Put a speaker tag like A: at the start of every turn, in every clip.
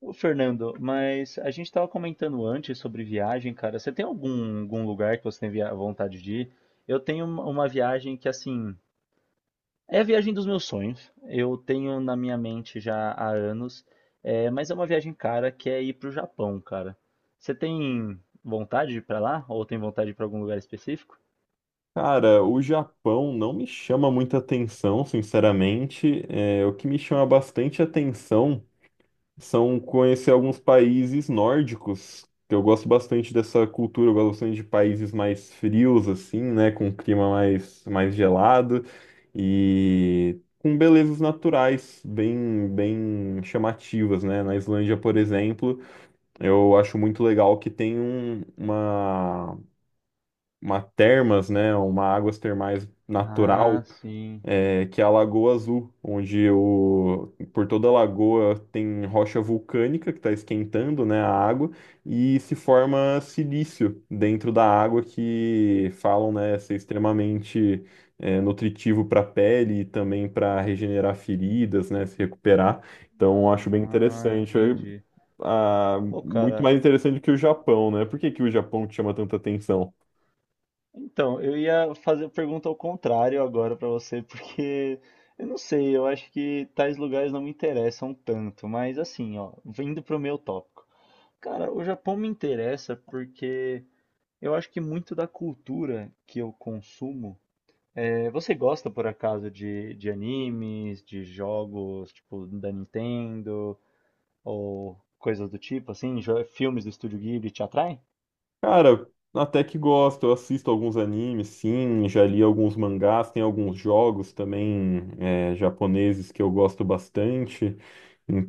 A: Ô, Fernando, mas a gente estava comentando antes sobre viagem, cara. Você tem algum lugar que você tem vontade de ir? Eu tenho uma viagem que, assim, é a viagem dos meus sonhos. Eu tenho na minha mente já há anos, mas é uma viagem cara que é ir pro Japão, cara. Você tem vontade de ir pra lá? Ou tem vontade de ir pra algum lugar específico?
B: Cara, o Japão não me chama muita atenção, sinceramente. O que me chama bastante atenção são conhecer alguns países nórdicos, que eu gosto bastante dessa cultura, eu gosto bastante de países mais frios, assim, né, com um clima mais gelado e com belezas naturais bem chamativas, né? Na Islândia, por exemplo, eu acho muito legal que tem um, uma termas, né, uma águas termais natural,
A: Ah, sim.
B: que é a Lagoa Azul, por toda a lagoa tem rocha vulcânica que está esquentando, né, a água e se forma silício dentro da água que falam, né, ser extremamente nutritivo para a pele e também para regenerar feridas, né, se recuperar. Então, acho bem
A: Ah,
B: interessante.
A: entendi. Pô,
B: Muito
A: cara,
B: mais interessante que o Japão, né? Por que que o Japão te chama tanta atenção?
A: então, eu ia fazer a pergunta ao contrário agora pra você, porque eu não sei, eu acho que tais lugares não me interessam tanto, mas assim, ó, vindo pro meu tópico. Cara, o Japão me interessa porque eu acho que muito da cultura que eu consumo. Você gosta por acaso de, animes, de jogos tipo da Nintendo ou coisas do tipo, assim, filmes do Estúdio Ghibli te atraem?
B: Cara, até que gosto, eu assisto alguns animes, sim, já li alguns mangás, tem alguns jogos também japoneses que eu gosto bastante,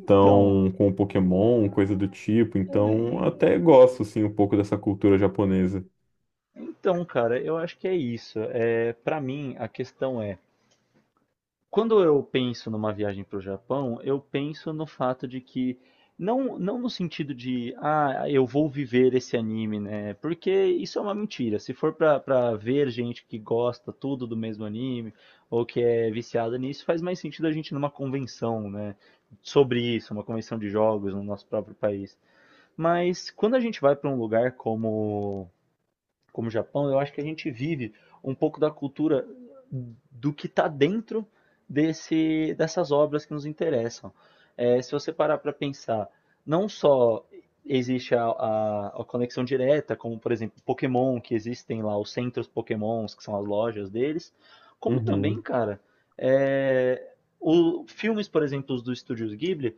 A: Então,
B: com Pokémon, coisa do tipo, então
A: é,
B: até gosto, sim, um pouco dessa cultura japonesa.
A: Então, cara, eu acho que é isso. Para mim, a questão é, quando eu penso numa viagem para o Japão, eu penso no fato de que não, não no sentido de, ah, eu vou viver esse anime, né? Porque isso é uma mentira. Se for pra, ver gente que gosta tudo do mesmo anime ou que é viciada nisso, faz mais sentido a gente ir numa convenção, né? Sobre isso, uma convenção de jogos no nosso próprio país. Mas quando a gente vai para um lugar como o Japão, eu acho que a gente vive um pouco da cultura do que está dentro dessas obras que nos interessam. Se você parar para pensar, não só existe a conexão direta, como por exemplo Pokémon, que existem lá os centros Pokémons, que são as lojas deles, como também,
B: Uhum.
A: cara, é, filmes, por exemplo, dos estúdios Ghibli,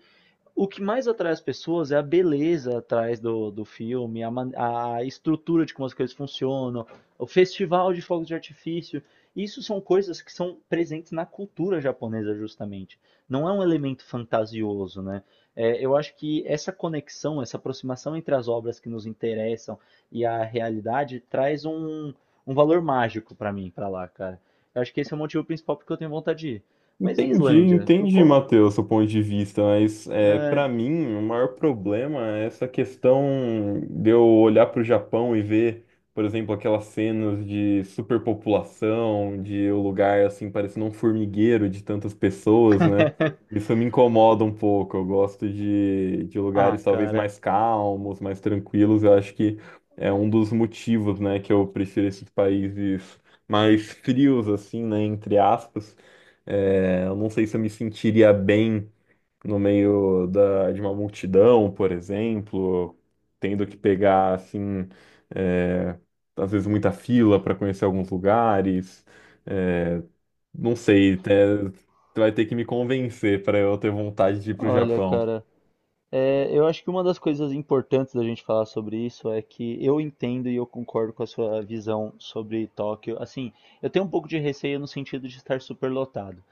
A: o que mais atrai as pessoas é a beleza atrás do, filme, a estrutura de como as coisas funcionam, o festival de fogos de artifício. Isso são coisas que são presentes na cultura japonesa, justamente. Não é um elemento fantasioso, né? Eu acho que essa conexão, essa aproximação entre as obras que nos interessam e a realidade traz um valor mágico pra mim, pra lá, cara. Eu acho que esse é o motivo principal porque eu tenho vontade de ir. Mas e a
B: Entendi,
A: Islândia?
B: entendi, Matheus, seu ponto de vista, mas
A: É,
B: para mim o maior problema é essa questão de eu olhar para o Japão e ver, por exemplo, aquelas cenas de superpopulação, de o lugar assim parecendo um formigueiro de tantas pessoas, né? Isso me incomoda um pouco. Eu gosto de
A: Ah,
B: lugares talvez
A: cara.
B: mais calmos, mais tranquilos. Eu acho que é um dos motivos, né, que eu prefiro esses países mais frios, assim, né, entre aspas. É, eu não sei se eu me sentiria bem no meio de uma multidão, por exemplo, tendo que pegar, assim, é, às vezes muita fila para conhecer alguns lugares. É, não sei, até, tu vai ter que me convencer para eu ter vontade de ir pro
A: Olha,
B: Japão.
A: cara, eu acho que uma das coisas importantes da gente falar sobre isso é que eu entendo e eu concordo com a sua visão sobre Tóquio. Assim, eu tenho um pouco de receio no sentido de estar superlotado.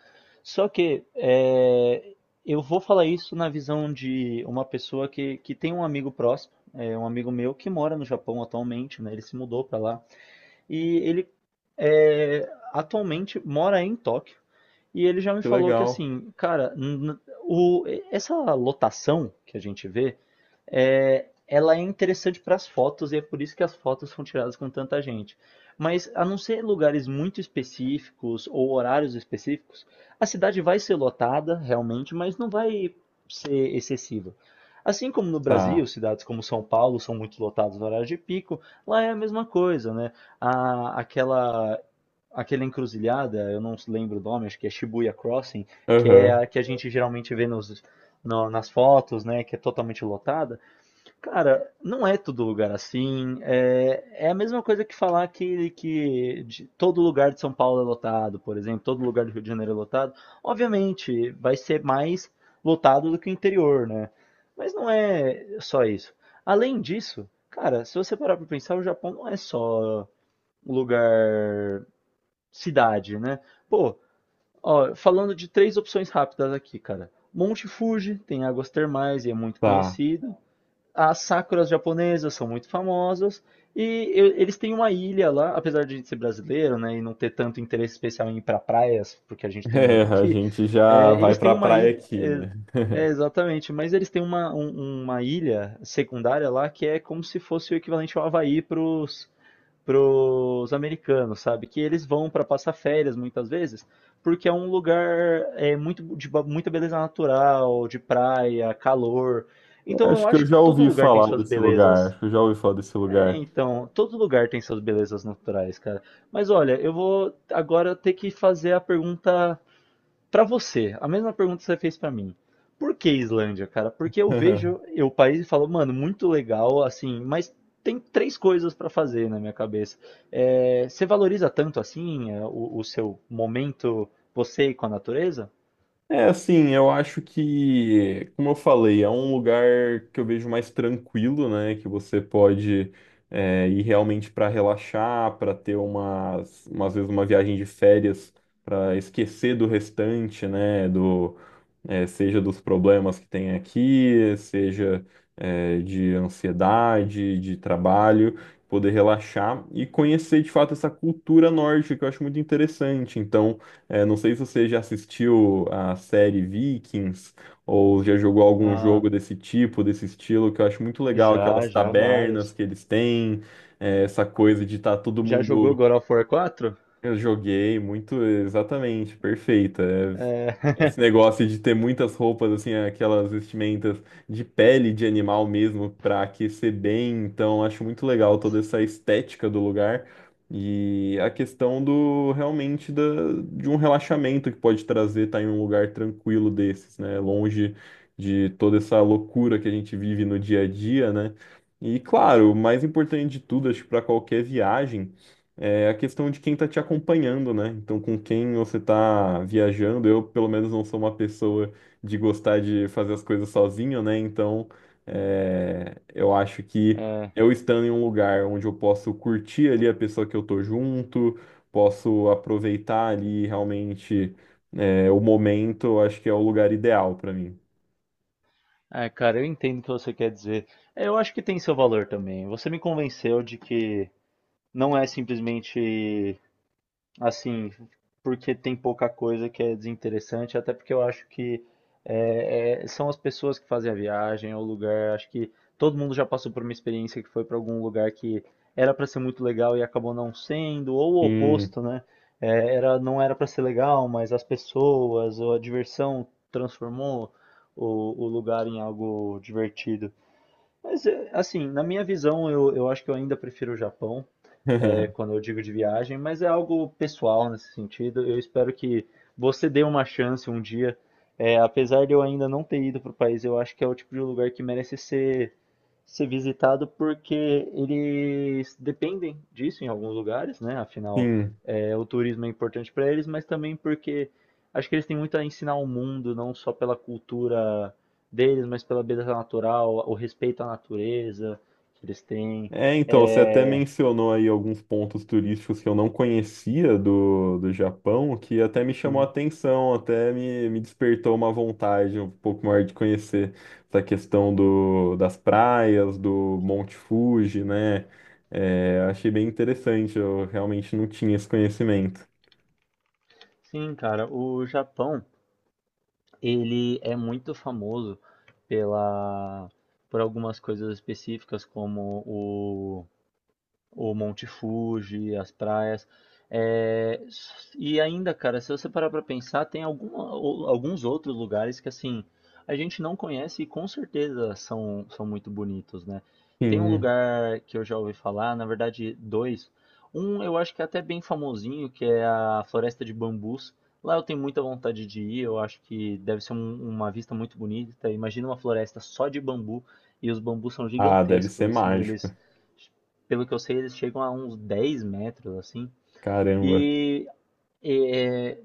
A: Só que eu vou falar isso na visão de uma pessoa que tem um amigo próximo, um amigo meu que mora no Japão atualmente, né? Ele se mudou para lá e ele atualmente mora em Tóquio. E ele já me
B: Que
A: falou que
B: legal.
A: assim, cara, o, essa lotação que a gente vê ela é interessante para as fotos e é por isso que as fotos são tiradas com tanta gente. Mas a não ser lugares muito específicos ou horários específicos, a cidade vai ser lotada realmente, mas não vai ser excessiva. Assim como no
B: Tá.
A: Brasil, cidades como São Paulo são muito lotadas no horário de pico, lá é a mesma coisa, né? A, aquela aquela encruzilhada, eu não lembro o nome, acho que é Shibuya Crossing, que é
B: Aham.
A: a que a gente geralmente vê nos, nas fotos, né? Que é totalmente lotada. Cara, não é todo lugar assim. É, é a mesma coisa que falar que, que todo lugar de São Paulo é lotado, por exemplo, todo lugar do Rio de Janeiro é lotado. Obviamente, vai ser mais lotado do que o interior, né? Mas não é só isso. Além disso, cara, se você parar pra pensar, o Japão não é só um lugar cidade, né? Pô, ó, falando de três opções rápidas aqui, cara. Monte Fuji tem águas termais e é muito
B: Tá.
A: conhecido. As sakuras japonesas são muito famosas e eles têm uma ilha lá, apesar de a gente ser brasileiro, né, e não ter tanto interesse especial em ir para praias, porque a gente tem
B: É,
A: muito
B: a
A: aqui,
B: gente já vai
A: eles têm
B: pra
A: uma
B: praia
A: ilha,
B: aqui,
A: é,
B: né?
A: é, exatamente, mas eles têm uma, uma ilha secundária lá que é como se fosse o equivalente ao Havaí para os pros americanos, sabe? Que eles vão para passar férias muitas vezes, porque é um lugar muito muita beleza natural, de praia, calor. Então
B: Acho
A: eu
B: que eu
A: acho que
B: já
A: todo
B: ouvi
A: lugar tem
B: falar
A: suas
B: desse lugar.
A: belezas.
B: Acho que eu já ouvi falar desse
A: É,
B: lugar.
A: então, todo lugar tem suas belezas naturais, cara. Mas olha, eu vou agora ter que fazer a pergunta pra você, a mesma pergunta que você fez pra mim. Por que Islândia, cara? Porque eu vejo o país e falo, mano, muito legal, assim, mas tem três coisas pra fazer na minha cabeça. Você valoriza tanto assim o seu momento, você e com a natureza?
B: É assim, eu acho que, como eu falei, é um lugar que eu vejo mais tranquilo, né? Que você pode ir realmente para relaxar, para ter umas vezes uma viagem de férias, para esquecer do restante, né? Seja dos problemas que tem aqui, seja de ansiedade, de trabalho, poder relaxar e conhecer de fato essa cultura nórdica que eu acho muito interessante. Então, não sei se você já assistiu a série Vikings ou já jogou algum
A: Ah,
B: jogo desse tipo, desse estilo, que eu acho muito legal,
A: já,
B: aquelas
A: já
B: tabernas
A: vários.
B: que eles têm, essa coisa de estar todo
A: Já jogou
B: mundo
A: God of War 4?
B: eu joguei muito, exatamente, perfeita. É, esse negócio de ter muitas roupas, assim, aquelas vestimentas de pele de animal mesmo, pra aquecer bem. Então, acho muito legal toda essa estética do lugar e a questão do realmente de um relaxamento que pode trazer estar em um lugar tranquilo desses, né? Longe de toda essa loucura que a gente vive no dia a dia, né? E, claro, o mais importante de tudo, acho que para qualquer viagem é a questão de quem está te acompanhando, né? Então, com quem você está viajando, eu pelo menos não sou uma pessoa de gostar de fazer as coisas sozinho, né? Então, eu acho que
A: É,
B: eu estando em um lugar onde eu posso curtir ali a pessoa que eu tô junto, posso aproveitar ali realmente o momento, eu acho que é o lugar ideal para mim.
A: é, cara, eu entendo o que você quer dizer. É, eu acho que tem seu valor também. Você me convenceu de que não é simplesmente assim, porque tem pouca coisa que é desinteressante, até porque eu acho que são as pessoas que fazem a viagem, é o lugar. Acho que todo mundo já passou por uma experiência que foi para algum lugar que era para ser muito legal e acabou não sendo, ou o
B: Sim.
A: oposto, né? É, não era para ser legal, mas as pessoas ou a diversão transformou o lugar em algo divertido. Mas, assim, na minha visão, eu acho que eu ainda prefiro o Japão quando eu digo de viagem, mas é algo pessoal nesse sentido. Eu espero que você dê uma chance um dia. Apesar de eu ainda não ter ido para o país, eu acho que é o tipo de lugar que merece ser visitado porque eles dependem disso em alguns lugares, né? Afinal,
B: Sim.
A: o turismo é importante para eles, mas também porque acho que eles têm muito a ensinar ao mundo, não só pela cultura deles, mas pela beleza natural, o respeito à natureza que eles têm.
B: É, então, você até
A: É,
B: mencionou aí alguns pontos turísticos que eu não conhecia do Japão, que até me chamou a
A: sim.
B: atenção, até me despertou uma vontade um pouco maior de conhecer essa questão do, das praias, do Monte Fuji, né? É, achei bem interessante, eu realmente não tinha esse conhecimento.
A: Sim, cara, o Japão, ele é muito famoso pela por algumas coisas específicas como o Monte Fuji, as praias. É, e ainda, cara, se você parar pra pensar, tem alguns outros lugares que assim a gente não conhece e com certeza são muito bonitos, né? Tem um
B: Sim.
A: lugar que eu já ouvi falar, na verdade, dois. Um eu acho que é até bem famosinho, que é a Floresta de Bambus. Lá eu tenho muita vontade de ir, eu acho que deve ser uma vista muito bonita. Imagina uma floresta só de bambu e os bambus são
B: Ah, deve ser
A: gigantescos, assim,
B: mágico.
A: eles pelo que eu sei, eles chegam a uns 10 metros, assim.
B: Caramba.
A: E é,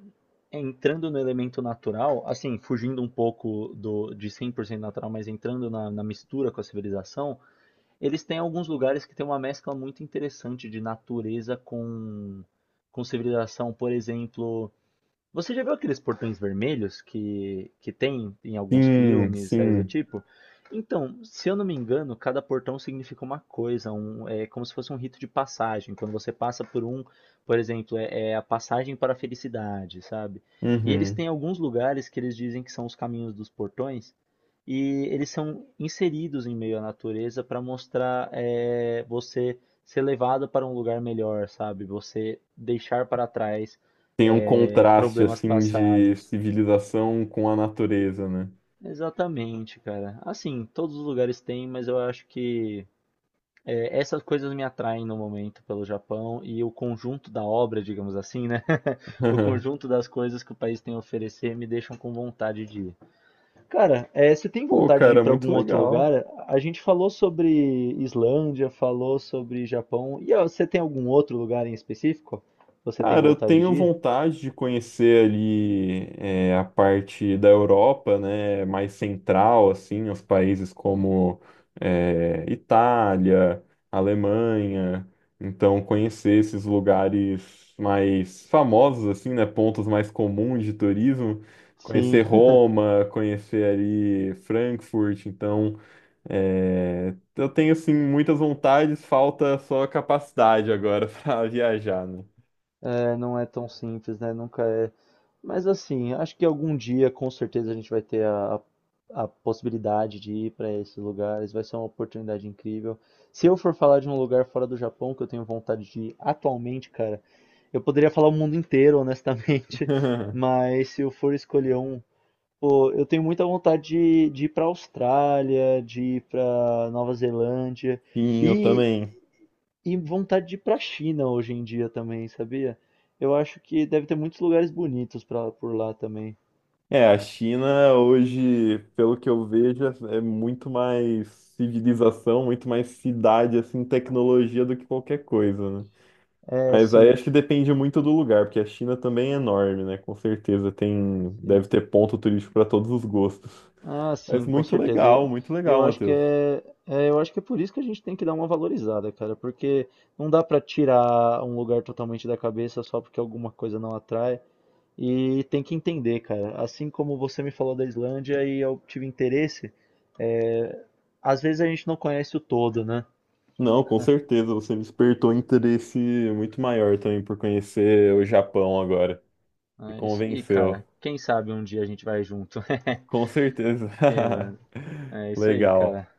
A: entrando no elemento natural, assim, fugindo um pouco do, de 100% natural, mas entrando na, mistura com a civilização, eles têm alguns lugares que tem uma mescla muito interessante de natureza com, civilização. Por exemplo, você já viu aqueles portões vermelhos que tem em alguns
B: Sim,
A: filmes, séries do
B: sim.
A: tipo? Então, se eu não me engano, cada portão significa uma coisa, é como se fosse um rito de passagem. Quando você passa por um, por exemplo, é a passagem para a felicidade, sabe? E eles
B: Uhum.
A: têm alguns lugares que eles dizem que são os caminhos dos portões, e eles são inseridos em meio à natureza para mostrar você ser levado para um lugar melhor, sabe? Você deixar para trás
B: Tem um contraste
A: problemas
B: assim de
A: passados.
B: civilização com a natureza, né?
A: Exatamente, cara. Assim, todos os lugares têm, mas eu acho que essas coisas me atraem no momento pelo Japão e o conjunto da obra, digamos assim, né? O conjunto das coisas que o país tem a oferecer me deixam com vontade de ir. Cara, você tem
B: Pô,
A: vontade de ir
B: cara,
A: para
B: muito
A: algum outro
B: legal.
A: lugar? A gente falou sobre Islândia, falou sobre Japão. E ó, você tem algum outro lugar em específico? Você tem
B: Cara, eu
A: vontade
B: tenho
A: de ir?
B: vontade de conhecer ali a parte da Europa, né, mais central, assim, os países como Itália, Alemanha. Então, conhecer esses lugares mais famosos, assim, né, pontos mais comuns de turismo. Conhecer
A: Sim.
B: Roma, conhecer ali Frankfurt. Então, é, eu tenho assim muitas vontades, falta só a capacidade agora para viajar, né?
A: É, não é tão simples, né? Nunca é. Mas assim, acho que algum dia com certeza a gente vai ter a possibilidade de ir para esses lugares. Vai ser uma oportunidade incrível. Se eu for falar de um lugar fora do Japão que eu tenho vontade de ir atualmente, cara, eu poderia falar o mundo inteiro, honestamente. Mas se eu for escolher um, pô, eu tenho muita vontade de, ir para Austrália, de ir para Nova Zelândia.
B: Sim, eu também.
A: E vontade de ir pra China hoje em dia também, sabia? Eu acho que deve ter muitos lugares bonitos por lá também.
B: É, a China hoje, pelo que eu vejo, é muito mais civilização, muito mais cidade, assim, tecnologia do que qualquer coisa, né?
A: É,
B: Mas aí
A: sim,
B: acho que depende muito do lugar, porque a China também é enorme, né? Com certeza tem, deve
A: sim.
B: ter ponto turístico para todos os gostos.
A: Ah,
B: Mas
A: sim, com certeza. Eu,
B: muito legal,
A: eu acho que
B: Matheus.
A: eu acho que é por isso que a gente tem que dar uma valorizada, cara, porque não dá pra tirar um lugar totalmente da cabeça só porque alguma coisa não atrai. E tem que entender, cara. Assim como você me falou da Islândia e eu tive interesse, é, às vezes a gente não conhece o todo, né?
B: Não, com certeza, você despertou interesse muito maior também por conhecer o Japão agora. Me
A: É isso aí, cara.
B: convenceu.
A: Quem sabe um dia a gente vai junto.
B: Com certeza.
A: Ok, mano. É isso aí,
B: Legal.
A: cara.